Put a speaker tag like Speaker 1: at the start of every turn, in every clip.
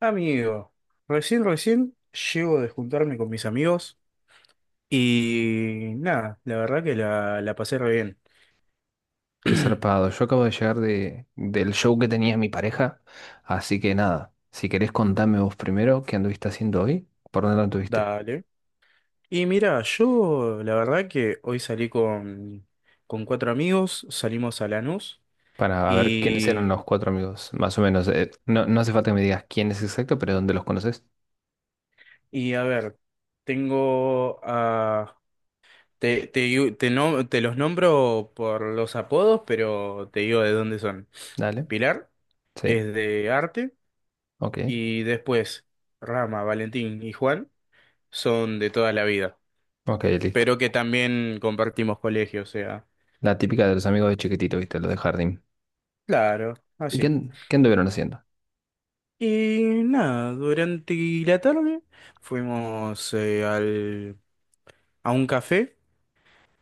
Speaker 1: Amigo, recién llego de juntarme con mis amigos y nada, la verdad que la pasé re bien.
Speaker 2: Qué zarpado. Yo acabo de llegar del show que tenía mi pareja. Así que nada, si querés contame vos primero qué anduviste haciendo hoy, por dónde anduviste,
Speaker 1: Dale. Y mira, yo la verdad que hoy salí con cuatro amigos, salimos a Lanús
Speaker 2: para ver quiénes eran los
Speaker 1: y,
Speaker 2: cuatro amigos, más o menos. No, no hace falta que me digas quién es exacto, pero dónde los conoces.
Speaker 1: y a ver, tengo a... Te, digo- te, no- te los nombro por los apodos, pero te digo de dónde son.
Speaker 2: Dale.
Speaker 1: Pilar
Speaker 2: Sí.
Speaker 1: es de arte
Speaker 2: Ok.
Speaker 1: y después Rama, Valentín y Juan son de toda la vida,
Speaker 2: Ok, listo.
Speaker 1: pero que también compartimos colegio, o sea,
Speaker 2: La típica de los amigos de chiquitito, viste, los de jardín.
Speaker 1: claro,
Speaker 2: ¿Y qué,
Speaker 1: así.
Speaker 2: qué anduvieron haciendo?
Speaker 1: Y nada, durante la tarde fuimos a un café,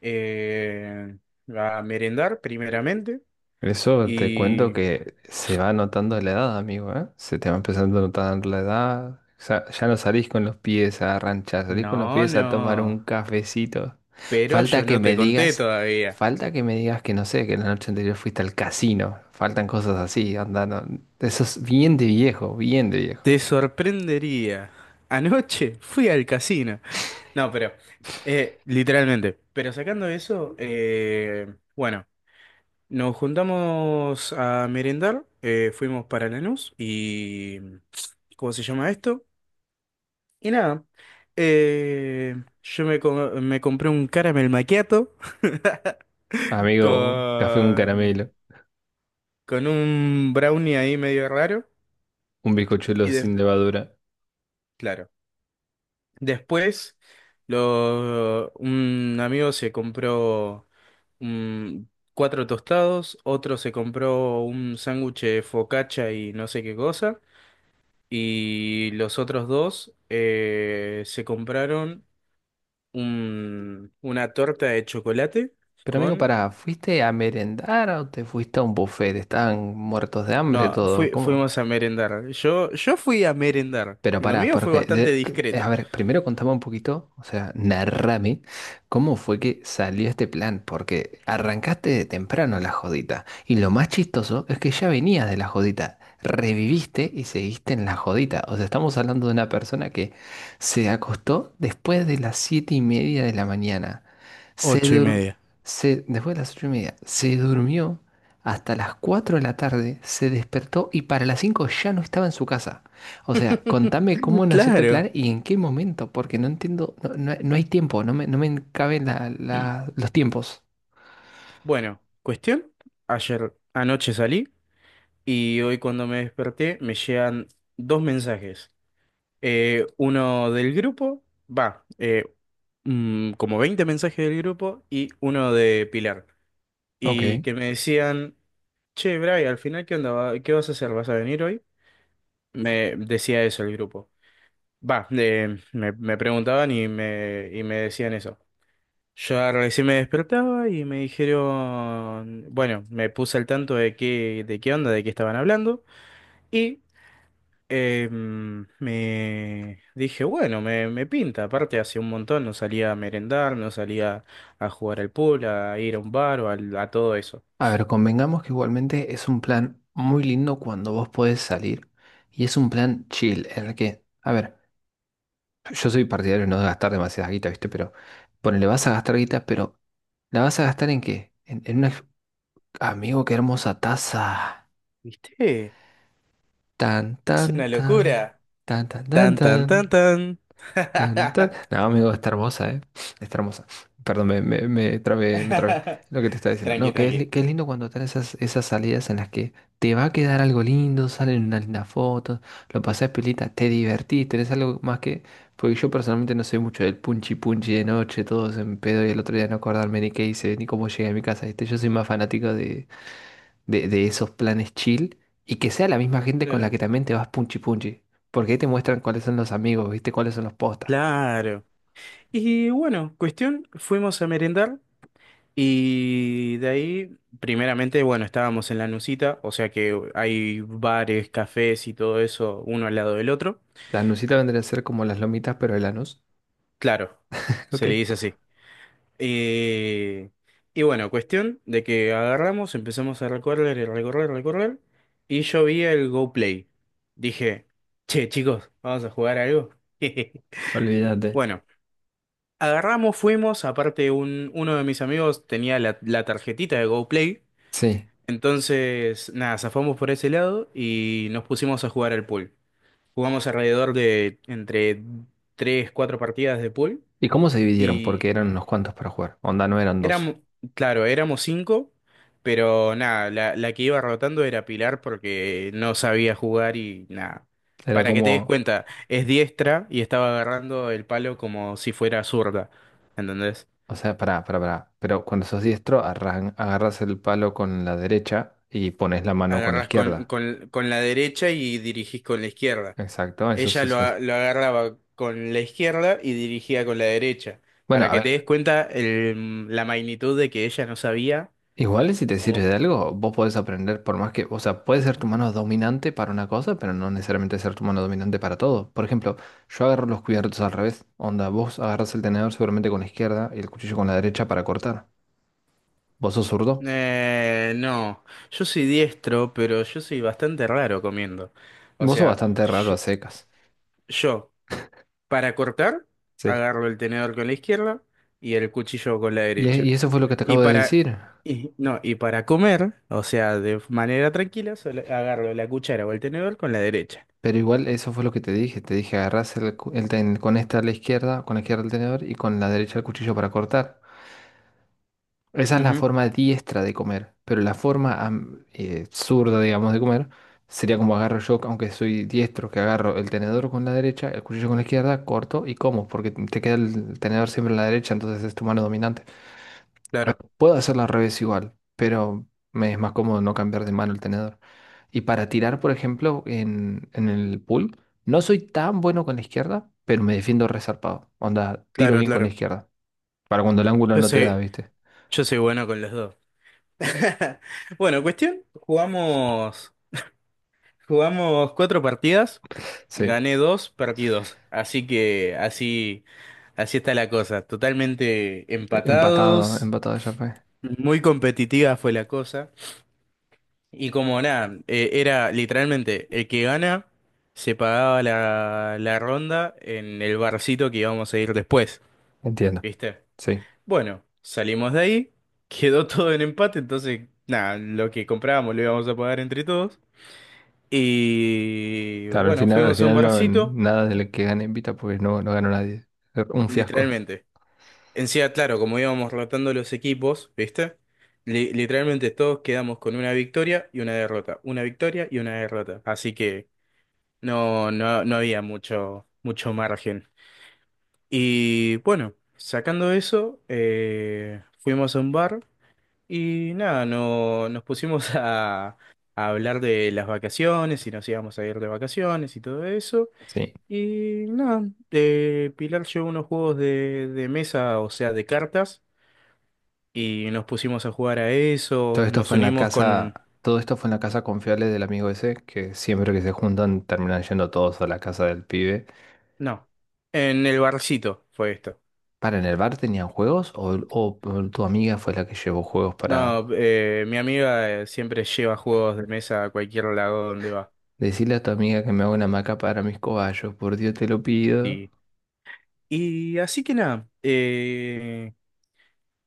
Speaker 1: eh, a merendar primeramente
Speaker 2: Eso te cuento
Speaker 1: y
Speaker 2: que se va notando la edad, amigo, ¿eh? Se te va empezando a notar la edad. O sea, ya no salís con los pies a ranchar, salís con los
Speaker 1: no,
Speaker 2: pies a tomar
Speaker 1: no,
Speaker 2: un cafecito.
Speaker 1: pero
Speaker 2: Falta
Speaker 1: yo
Speaker 2: que
Speaker 1: no te
Speaker 2: me
Speaker 1: conté
Speaker 2: digas,
Speaker 1: todavía.
Speaker 2: falta que me digas que no sé, que la noche anterior fuiste al casino. Faltan cosas así, andando. Eso es bien de viejo, bien de viejo.
Speaker 1: Te sorprendería. Anoche fui al casino. No, pero literalmente. Pero sacando eso, bueno. Nos juntamos a merendar, fuimos para Lanús y... ¿Cómo se llama esto? Y nada, eh, me compré un caramel macchiato
Speaker 2: Amigo, café con
Speaker 1: con,
Speaker 2: caramelo,
Speaker 1: con un brownie ahí medio raro
Speaker 2: un bizcochuelo
Speaker 1: y
Speaker 2: sin
Speaker 1: de-
Speaker 2: levadura.
Speaker 1: claro. Después un amigo se compró mm, cuatro tostados, otro se compró un sándwich de focaccia y no sé qué cosa. Y los otros dos se compraron una torta de chocolate
Speaker 2: Pero amigo,
Speaker 1: con...
Speaker 2: pará, ¿fuiste a merendar o te fuiste a un buffet? Estaban muertos de hambre
Speaker 1: No,
Speaker 2: todo, ¿cómo?
Speaker 1: fuimos a merendar. Yo fui a merendar.
Speaker 2: Pero
Speaker 1: Lo
Speaker 2: pará,
Speaker 1: mío fue
Speaker 2: porque,
Speaker 1: bastante
Speaker 2: a
Speaker 1: discreto.
Speaker 2: ver, primero contame un poquito, o sea, narrame cómo fue que salió este plan, porque arrancaste de temprano la jodita, y lo más chistoso es que ya venías de la jodita, reviviste y seguiste en la jodita, o sea, estamos hablando de una persona que se acostó después de las siete y media de la mañana, se
Speaker 1: Ocho y
Speaker 2: dur-
Speaker 1: media.
Speaker 2: después de las ocho y media, se durmió hasta las cuatro de la tarde, se despertó y para las cinco ya no estaba en su casa. O sea, contame cómo nació este
Speaker 1: Claro.
Speaker 2: plan y en qué momento, porque no entiendo, no, no hay tiempo, no me caben los tiempos.
Speaker 1: Bueno, cuestión. Ayer anoche salí y hoy cuando me desperté me llegan dos mensajes. Uno del grupo, va, como 20 mensajes del grupo y uno de Pilar.
Speaker 2: Ok,
Speaker 1: Y que me decían, che, Bray, al final, ¿qué onda? ¿Qué vas a hacer? ¿Vas a venir hoy? Me decía eso el grupo. Va, me preguntaban y me decían eso. Yo recién me despertaba y me dijeron, bueno, me puse al tanto de qué onda, de qué estaban hablando. Me dije, bueno, me pinta. Aparte, hace un montón no salía a merendar, no salía a jugar al pool, a ir a un bar a, todo eso.
Speaker 2: a ver, convengamos que igualmente es un plan muy lindo cuando vos podés salir y es un plan chill en el que, a ver, yo soy partidario de no gastar demasiada guita, ¿viste? Pero ponele, vas a gastar guita, pero ¿la vas a gastar en qué? En una... Amigo, qué hermosa taza.
Speaker 1: ¿Viste?
Speaker 2: Tan,
Speaker 1: Es
Speaker 2: tan,
Speaker 1: una
Speaker 2: tan,
Speaker 1: locura.
Speaker 2: tan, tan, tan,
Speaker 1: Tan, tan,
Speaker 2: tan.
Speaker 1: tan, tan.
Speaker 2: Tan, tan. No, amigo, está hermosa, ¿eh? Está hermosa. Perdón, me trabé. Lo que te estaba diciendo. No,
Speaker 1: Tranqui,
Speaker 2: que es,
Speaker 1: tranqui.
Speaker 2: que es lindo cuando están esas salidas en las que te va a quedar algo lindo, salen unas lindas fotos, lo pasás pilita, te divertís, tenés algo más que... Porque yo personalmente no soy mucho del punchi punchi de noche, todos en pedo y el otro día no acordarme ni qué hice, ni cómo llegué a mi casa, ¿viste? Yo soy más fanático de, de esos planes chill y que sea la misma gente con la
Speaker 1: Claro.
Speaker 2: que también te vas punchi punchi. Porque ahí te muestran cuáles son los amigos, ¿viste? Cuáles son los postas.
Speaker 1: Claro. Y bueno, cuestión, fuimos a merendar y de ahí, primeramente, bueno, estábamos en la Nusita, o sea que hay bares, cafés y todo eso, uno al lado del otro.
Speaker 2: La anusita vendría a ser como las lomitas, pero el anus.
Speaker 1: Claro, se
Speaker 2: Ok.
Speaker 1: le dice así. Eh, y bueno, cuestión de que agarramos, empezamos a recorrer recorrer, y yo vi el Go Play. Dije, che, chicos, vamos a jugar algo.
Speaker 2: Olvídate.
Speaker 1: Bueno, agarramos, fuimos, aparte uno de mis amigos tenía la tarjetita de Go Play,
Speaker 2: Sí.
Speaker 1: entonces nada, zafamos por ese lado y nos pusimos a jugar al pool. Jugamos alrededor de entre 3 4 partidas de pool.
Speaker 2: ¿Y cómo se dividieron? Porque
Speaker 1: Y
Speaker 2: eran unos cuantos para jugar. Onda, no eran dos.
Speaker 1: éramos, claro, éramos cinco, pero nada, la que iba rotando era Pilar porque no sabía jugar y nada.
Speaker 2: Era
Speaker 1: Para que te des
Speaker 2: como,
Speaker 1: cuenta, es diestra y estaba agarrando el palo como si fuera zurda, ¿entendés?
Speaker 2: o sea, pará, pará, pará. Pero cuando sos diestro, agarras el palo con la derecha y pones la mano con la
Speaker 1: Agarrás
Speaker 2: izquierda.
Speaker 1: con la derecha y dirigís con la izquierda.
Speaker 2: Exacto, eso
Speaker 1: Ella
Speaker 2: sí sos.
Speaker 1: lo agarraba con la izquierda y dirigía con la derecha.
Speaker 2: Bueno,
Speaker 1: Para
Speaker 2: a
Speaker 1: que te des
Speaker 2: ver,
Speaker 1: cuenta la magnitud de que ella no sabía.
Speaker 2: igual y si te sirve de algo, vos podés aprender por más que, o sea, puede ser tu mano dominante para una cosa, pero no necesariamente ser tu mano dominante para todo. Por ejemplo, yo agarro los cubiertos al revés. Onda, vos agarras el tenedor seguramente con la izquierda y el cuchillo con la derecha para cortar. Vos sos zurdo.
Speaker 1: No, yo soy diestro, pero yo soy bastante raro comiendo. O
Speaker 2: Vos sos
Speaker 1: sea,
Speaker 2: bastante raro a secas.
Speaker 1: yo, para cortar,
Speaker 2: Sí.
Speaker 1: agarro el tenedor con la izquierda y el cuchillo con la
Speaker 2: Y, e-
Speaker 1: derecha.
Speaker 2: y eso fue lo que te
Speaker 1: Y
Speaker 2: acabo de
Speaker 1: para,
Speaker 2: decir.
Speaker 1: no, y para comer, o sea, de manera tranquila, solo agarro la cuchara o el tenedor con la derecha.
Speaker 2: Pero igual eso fue lo que te dije. Te dije agarrás el con esta a la izquierda, con la izquierda el tenedor y con la derecha el cuchillo para cortar. Esa es la
Speaker 1: Ujú,
Speaker 2: forma diestra de comer, pero la forma zurda, digamos, de comer sería como agarro yo, aunque soy diestro, que agarro el tenedor con la derecha, el cuchillo con la izquierda, corto y como, porque te queda el tenedor siempre en la derecha, entonces es tu mano dominante.
Speaker 1: claro,
Speaker 2: Puedo hacerlo al revés igual, pero me es más cómodo no cambiar de mano el tenedor. Y para tirar, por ejemplo, en el pool, no soy tan bueno con la izquierda, pero me defiendo resarpado. Onda, tiro
Speaker 1: claro,
Speaker 2: bien con la
Speaker 1: claro.
Speaker 2: izquierda, para cuando el ángulo
Speaker 1: Yo
Speaker 2: no te da,
Speaker 1: soy,
Speaker 2: ¿viste?
Speaker 1: yo soy bueno con los dos. Bueno, cuestión, jugamos cuatro partidas.
Speaker 2: Sí.
Speaker 1: Gané dos, perdí dos. Así que así está la cosa. Totalmente
Speaker 2: Empatado,
Speaker 1: empatados.
Speaker 2: empatado ya fue.
Speaker 1: Muy competitiva fue la cosa. Y como nada, era literalmente el que gana se pagaba la ronda en el barcito que íbamos a ir después.
Speaker 2: Entiendo.
Speaker 1: ¿Viste?
Speaker 2: Sí.
Speaker 1: Bueno, salimos de ahí. Quedó todo en empate. Entonces, nada, lo que comprábamos lo íbamos a pagar entre todos. Y
Speaker 2: Claro,
Speaker 1: bueno,
Speaker 2: al
Speaker 1: fuimos a un
Speaker 2: final no,
Speaker 1: barcito,
Speaker 2: nada de lo que gane invita porque no, no ganó nadie. Un fiasco.
Speaker 1: literalmente. En sí, claro, como íbamos rotando los equipos, ¿viste? Literalmente todos quedamos con una victoria y una derrota, una victoria y una derrota. Así que no había mucho, mucho margen. Y bueno, sacando eso, fuimos a un bar y nada, no, nos pusimos a hablar de las vacaciones y nos íbamos a ir de vacaciones y todo eso.
Speaker 2: Sí.
Speaker 1: Y nada, Pilar llevó unos juegos de mesa, o sea, de cartas. Y nos pusimos a jugar a
Speaker 2: Todo
Speaker 1: eso,
Speaker 2: esto
Speaker 1: nos
Speaker 2: fue en la
Speaker 1: unimos
Speaker 2: casa,
Speaker 1: con...
Speaker 2: todo esto fue en la casa confiable del amigo ese, que siempre que se juntan terminan yendo todos a la casa del pibe.
Speaker 1: No, en el barcito fue esto.
Speaker 2: ¿Para en el bar tenían juegos? O tu amiga fue la que llevó juegos para
Speaker 1: No, mi amiga, siempre lleva juegos de mesa a cualquier lado donde va.
Speaker 2: decirle a tu amiga que me haga una maca para mis cobayos? Por Dios te lo pido.
Speaker 1: Y, y así que nada,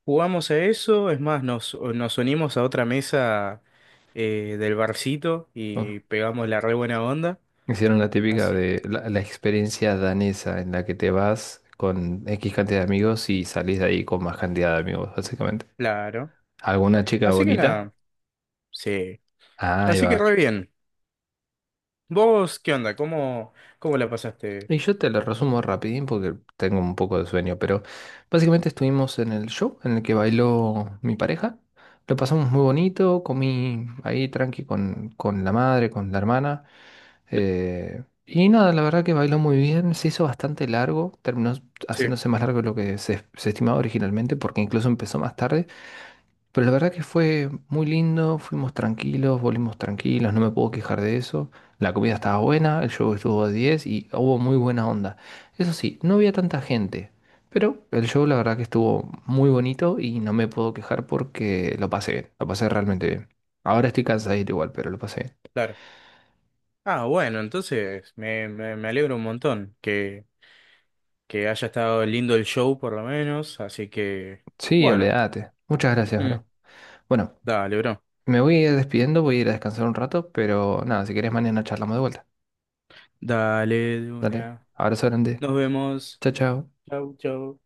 Speaker 1: jugamos a eso, es más, nos unimos a otra mesa del barcito y pegamos la re buena onda.
Speaker 2: Hicieron la típica
Speaker 1: Así.
Speaker 2: de la experiencia danesa en la que te vas con X cantidad de amigos y salís de ahí con más cantidad de amigos, básicamente.
Speaker 1: Claro.
Speaker 2: ¿Alguna chica
Speaker 1: Así que
Speaker 2: bonita?
Speaker 1: nada, sí.
Speaker 2: Ah, ahí
Speaker 1: Así que
Speaker 2: va.
Speaker 1: re bien. ¿Vos qué onda? ¿Cómo, cómo la pasaste?
Speaker 2: Y yo te lo resumo rapidín porque tengo un poco de sueño, pero básicamente estuvimos en el show en el que bailó mi pareja. Lo pasamos muy bonito, comí ahí tranqui con la madre, con la hermana. Y nada, la verdad que bailó muy bien, se hizo bastante largo, terminó
Speaker 1: Sí.
Speaker 2: haciéndose más largo de lo que se estimaba originalmente, porque incluso empezó más tarde, pero la verdad que fue muy lindo, fuimos tranquilos, volvimos tranquilos, no me puedo quejar de eso, la comida estaba buena, el show estuvo a 10 y hubo muy buena onda. Eso sí, no había tanta gente, pero el show la verdad que estuvo muy bonito y no me puedo quejar porque lo pasé bien, lo pasé realmente bien. Ahora estoy cansadito igual, pero lo pasé bien.
Speaker 1: Claro. Ah, bueno, entonces me alegro un montón que haya estado lindo el show por lo menos, así que
Speaker 2: Sí,
Speaker 1: bueno,
Speaker 2: olvídate. Muchas gracias,
Speaker 1: mm,
Speaker 2: bro. Bueno,
Speaker 1: dale, bro.
Speaker 2: me voy a ir despidiendo, voy a ir a descansar un rato, pero nada, si querés mañana charlamos de vuelta.
Speaker 1: Dale, de
Speaker 2: Dale,
Speaker 1: una.
Speaker 2: abrazo grande.
Speaker 1: Nos vemos.
Speaker 2: Chao, chao.
Speaker 1: Chau, chau.